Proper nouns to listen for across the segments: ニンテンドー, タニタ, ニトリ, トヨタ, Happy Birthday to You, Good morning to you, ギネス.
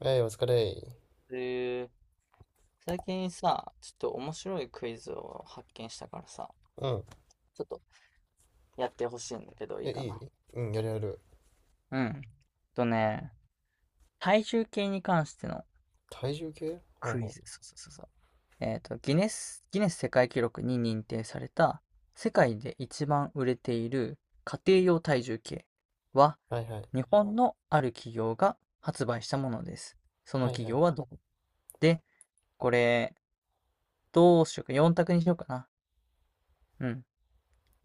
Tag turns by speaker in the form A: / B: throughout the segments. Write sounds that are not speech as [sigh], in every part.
A: えい、お疲れ。
B: え最近さ、ちょっと面白いクイズを発見したからさ、
A: うん。
B: ちょっとやってほしいんだけどいい
A: え、い
B: か
A: いうん、やるやる。
B: な。うん。とね、体重計に関しての
A: 体重計、はい
B: クイ
A: はい。
B: ズ。そうそうそうそう。ギネス世界記録に認定された世界で一番売れている家庭用体重計は
A: はいはい。
B: 日本のある企業が発売したものです。その
A: はい
B: 企
A: はい。
B: 業はどこで、これ、どうしようか、四択にしようかな。うん。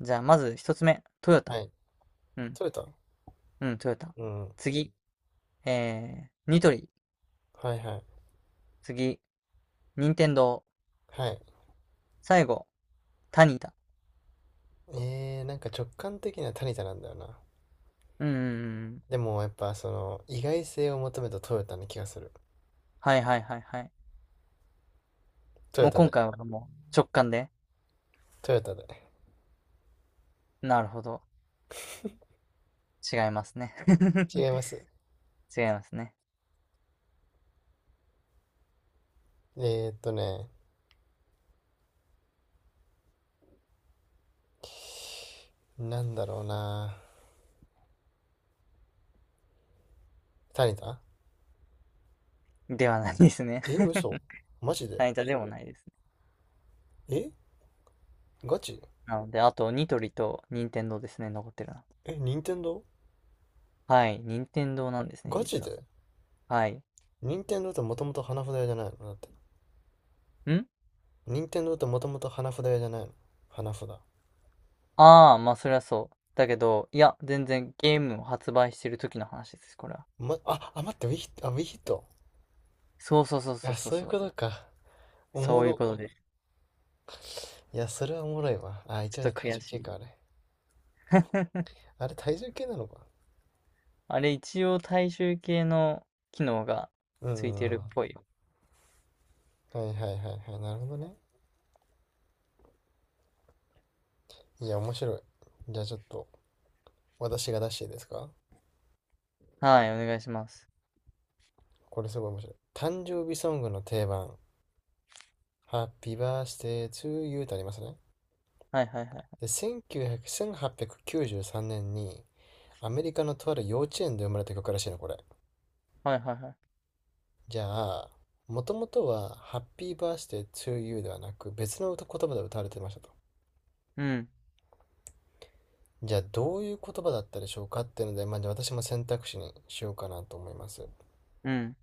B: じゃあ、まず一つ目、トヨ
A: は
B: タ。
A: い。
B: うん、
A: 取れた？
B: うん、トヨタ。
A: うん。
B: 次、ニトリ。
A: はいはい。
B: 次、ニンテンドー。
A: はい。
B: 最後、タニタ。
A: なんか直感的にはタニタなんだよな。
B: うんうんうん。
A: でもやっぱその意外性を求めたトヨタな気がする。
B: はいはいはいはい。
A: トヨ
B: もう
A: タ
B: 今
A: で。
B: 回はもう直感で。
A: トヨタで。
B: なるほど。違いますね。[laughs]
A: 違います。
B: 違いますね。
A: えーっとね、なんだろうな。タニタ？
B: ではないですね。
A: え、
B: [laughs]
A: 嘘、マジで？
B: タニタでもないですね。
A: え、ガチ？
B: なので、あと、ニトリとニンテンドーですね。残ってるな。
A: え、任天堂？
B: はい。ニンテンドーなんですね、
A: ガチ
B: 実は。
A: で？
B: はい。
A: 任天堂ってもともと花札屋じゃないの、だって。
B: ん、
A: 任天堂ってもともと花札屋じゃないの？花札。
B: ああ、まあそりゃそう。だけど、いや、全然ゲームを発売してる時の話です、これは。
A: 待って、ウィヒット、ウィヒット。
B: そうそうそうそう
A: あ、
B: そう
A: そういう
B: そ
A: こ
B: う。
A: とか。おも
B: そういう
A: ろ。
B: ことです。
A: いや、それはおもろいわ。あ、一
B: ちょっ
A: 応
B: と
A: 体
B: 悔
A: 重
B: し
A: 計
B: い。
A: か、あれ。
B: [laughs]
A: あれ体重計なのか。
B: あれ、一応大衆系の機能が
A: う
B: つ
A: んう
B: い
A: んうん。
B: てるっ
A: は
B: ぽいよ。
A: いはいはいはい。なるほどね。いや、面白い。じゃあちょっと、私が出していいですか？
B: はい、お願いします。
A: これすごい面白い。誕生日ソングの定番。Happy Birthday to You ってありますね。
B: はいはいはい。
A: で、1900 1893年にアメリカのとある幼稚園で生まれた曲らしいの、これ。
B: はいはいはい。
A: じゃあ、もともとは、ハッピーバースデー to you ではなく、別の歌言葉で歌われてましたと。
B: うん、
A: じゃあ、どういう言葉だったでしょうかっていうので、まあ、じゃあ私も選択肢にしようかなと思います。
B: うん、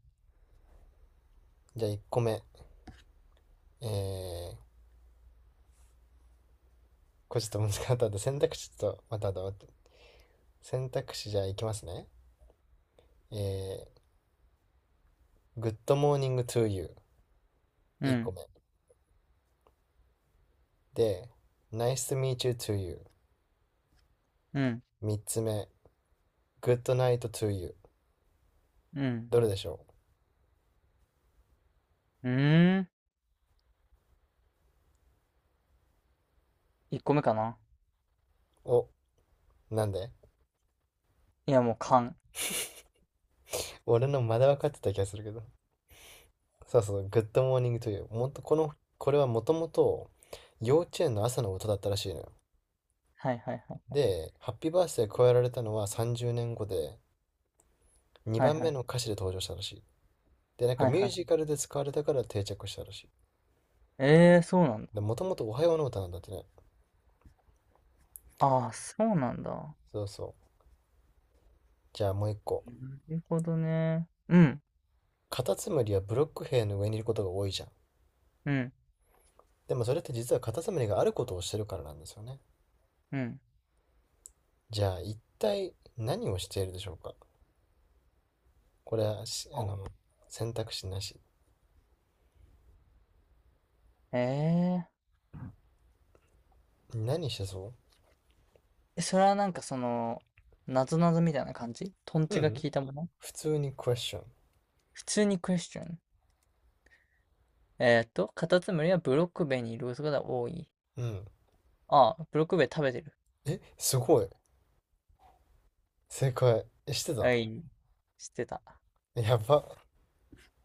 A: じゃあ、1個目。えー、これちょっと難しかったんで、と、また後、選択肢じゃあいきますね。えー、Good morning to you。
B: う
A: 1個
B: ん、
A: 目。で、Nice to meet you to you。
B: うん、
A: 3つ目。Good night to you。
B: うん。
A: どれでしょ
B: うーん。1個目かな。
A: う？お、なんで？
B: いや、もう勘。
A: 俺のまだ分かってた気がするけど。そうそう、グッドモーニングという、もっとこの、これはもともと幼稚園の朝の歌だったらしいのよ。
B: はいはいはい。
A: で、ハッピーバースデー加えられたのは30年後で、
B: はい
A: 2
B: は
A: 番
B: いは
A: 目
B: い。
A: の歌詞で登場したらしい。で、なんか
B: はい
A: ミュ
B: は
A: ージ
B: い。
A: カルで使われたから定着したらしい。
B: ええー、そうなんだ。
A: で、もともとおはようの歌なんだってね。
B: ああ、そうなんだ。
A: そうそう。じゃあもう一個。
B: なるほどね。うん、
A: カタツムリはブロック塀の上にいることが多いじゃん。
B: うん。
A: でもそれって実はカタツムリがあることをしてるからなんですよね。
B: うん。
A: じゃあ一体何をしているでしょうか？これはし、あの、選択肢なし。
B: ええ、
A: 何してそう？
B: え、それはなんかその、なぞなぞみたいな感じ、トン
A: う
B: チが効
A: ん。
B: いたもの？
A: 普通にクエスチョン。
B: 普通にクエスチョン。えーっと、カタツムリはブロックベにいることが多い。
A: うん。
B: ああ、ブロックベ食べてる。
A: え、すごい。正解。え、してた？
B: はい。知ってた。
A: やば。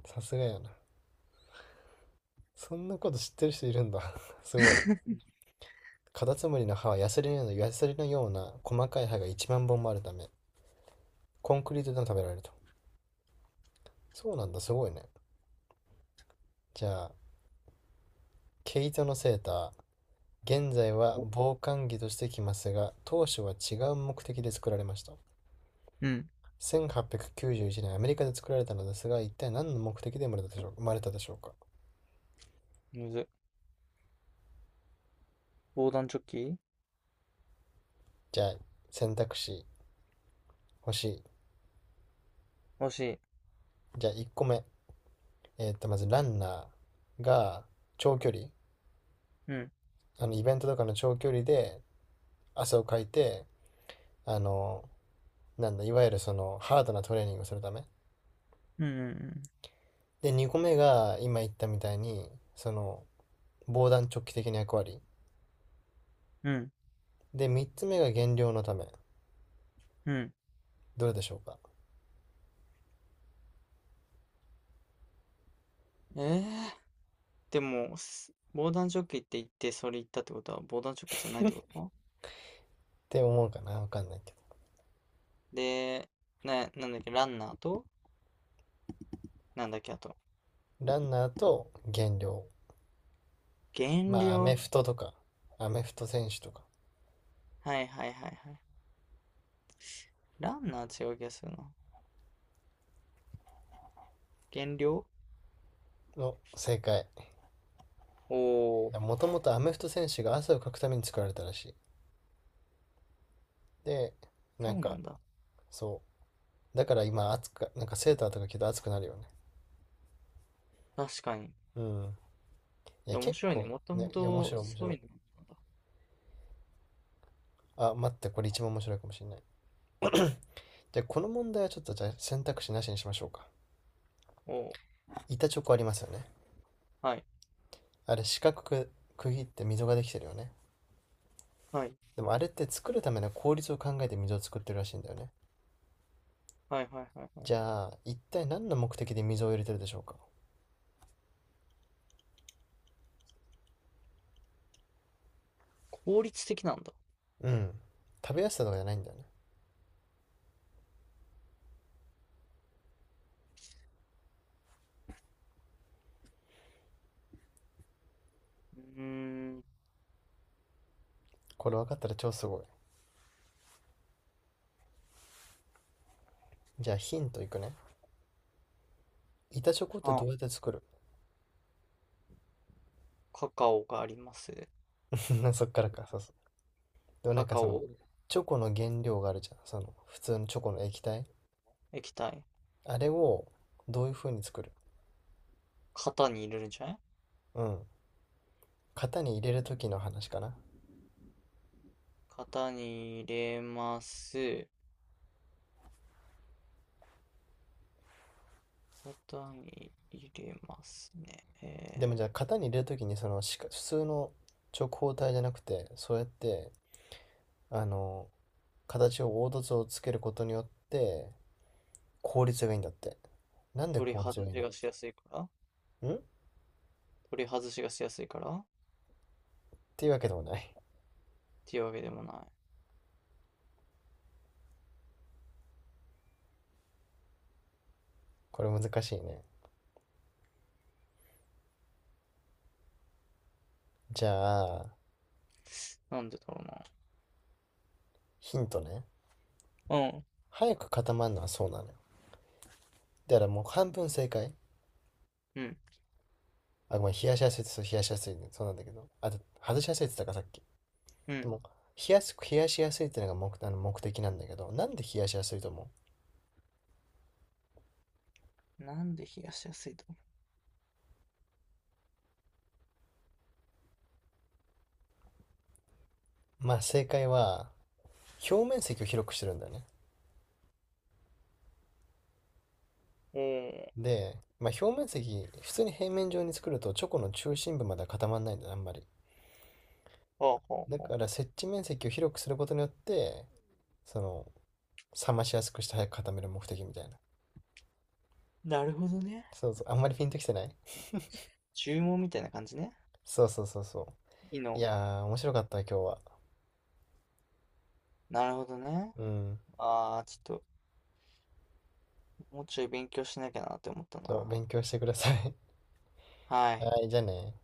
A: さすがやな。そんなこと知ってる人いるんだ。[laughs] すごい。カタツムリの歯はヤスリのような、ヤスリのような細かい歯が1万本もあるため、コンクリートでも食べられると。そうなんだ、すごいね。じゃあ、毛糸のセーター。現在は
B: お、
A: 防寒着としてきますが、当初は違う目的で作られました。
B: うん。
A: 1891年アメリカで作られたのですが、一体何の目的で生まれたでしょう生まれたでしょうか？
B: むず。防弾チョッキ。
A: じゃあ、選択肢欲しい。
B: 惜しい。
A: じゃあ、1個目。まず、ランナーが長距離、
B: うん。
A: イベントとかの長距離で汗をかいて、あの、なんだ、いわゆるその、ハードなトレーニングをするため。
B: うん
A: で、2個目が、今言ったみたいに、その、防弾チョッキ的な役割。
B: うんうん。
A: で、3つ目が減量のため。
B: うん。
A: どれでしょうかっ
B: うん。ええ、でも、防弾チョッキって言って、それ言ったってことは、防弾チョッキじゃないってこと
A: て思うかなわかんないけ
B: で、なんだっけ、ランナーと、なんだっけ、あと、
A: ど。ランナーと減量。
B: 減
A: まあ、アメ
B: 量。
A: フトとか、アメフト選手とか
B: はいはいはいはい。ランナー違う気がするな。減量。
A: の正解。
B: おー、
A: もともとアメフト選手が汗をかくために作られたらしい。で、
B: そ
A: なん
B: うな
A: か、
B: んだ。
A: そう。だから今暑く、なんかセーターとか着ると暑くなるよね。
B: 確かに。い
A: うん。いや、
B: や、面
A: 結
B: 白いね。
A: 構、
B: もと
A: ね、
B: も
A: いや、面
B: と
A: 白い面
B: そう
A: 白い。
B: いうのなんだ。
A: あ、待って、これ一番面白いかもしれない。じゃあ、この問題はちょっとじゃあ選択肢なしにしましょうか。
B: おー、
A: 板チョコありますよね。
B: はい。
A: あれ、四角く区切って溝ができてるよね。
B: はい。
A: でもあれって作るための効率を考えて溝を作ってるらしいんだよね。
B: はいはいはいは
A: じ
B: い。
A: ゃあ、一体何の目的で溝を入れてるでしょうか？
B: 効率的なんだ。
A: うん。食べやすさとかじゃないんだよね。
B: うーん。
A: これ分かったら超すごい。じゃあヒントいくね。板チョコって
B: あ、
A: どうやって作る？
B: カカオがあります。
A: [laughs] そっからか、そうそう。でもな
B: カ
A: んか
B: カ
A: その、
B: オ。
A: チョコの原料があるじゃん。その、普通のチョコの液体。
B: 液体。
A: あれをどういう風に作る？
B: 型に入れるんじゃない？
A: うん。型に入れる時の話かな。
B: 型に入れます。型に入れますね。
A: でもじゃあ型に入れる時にその、しか普通の直方体じゃなくて、そうやって、あの、形を凹凸をつけることによって、効率がいいんだって。なんで
B: 取り
A: 効率
B: 外
A: がいいん
B: し
A: だろ
B: がしやすいから。
A: う。んっ
B: 取り外しがしやすいからっ
A: ていうわけでもない。
B: ていうわけでもない。
A: これ難しいね。じゃあ、
B: なんでだろうな。
A: ヒントね。
B: うん、
A: 早く固まるのはそうなのよ。だからもう半分正解。
B: うん、
A: あ、ごめん、冷やしやすいってそう、冷やしやすいね。そうなんだけど。あと、外しやすいって言ったか、さっき。
B: う
A: で
B: ん。
A: も、冷やしやすいってのが目、あの目的なんだけど、なんで冷やしやすいと思
B: なんで冷やしやすいと思
A: う？まあ、正解は、表面積を広くしてるんだよね。
B: う？
A: で、まあ、表面積、普通に平面上に作ると、チョコの中心部までは固まらないんだよね、あんまり。
B: おお、ほう
A: だ
B: ほう
A: か
B: ほ
A: ら、接地面積を広くすることによって、その、冷ましやすくして早く固める目的みたいな。
B: う。なるほどね。
A: そうそう、あんまりピンときてない？
B: 注文みたいな感じね。
A: そうそうそうそ
B: いい
A: う。い
B: の。
A: やー、面白かった、今日は。
B: なるほどね。
A: うん。
B: ああ、ちょっと、もうちょい勉強しなきゃなって思った
A: ちょっと
B: な。
A: 勉強してください。
B: は
A: [laughs]
B: い。
A: はい、じゃあね。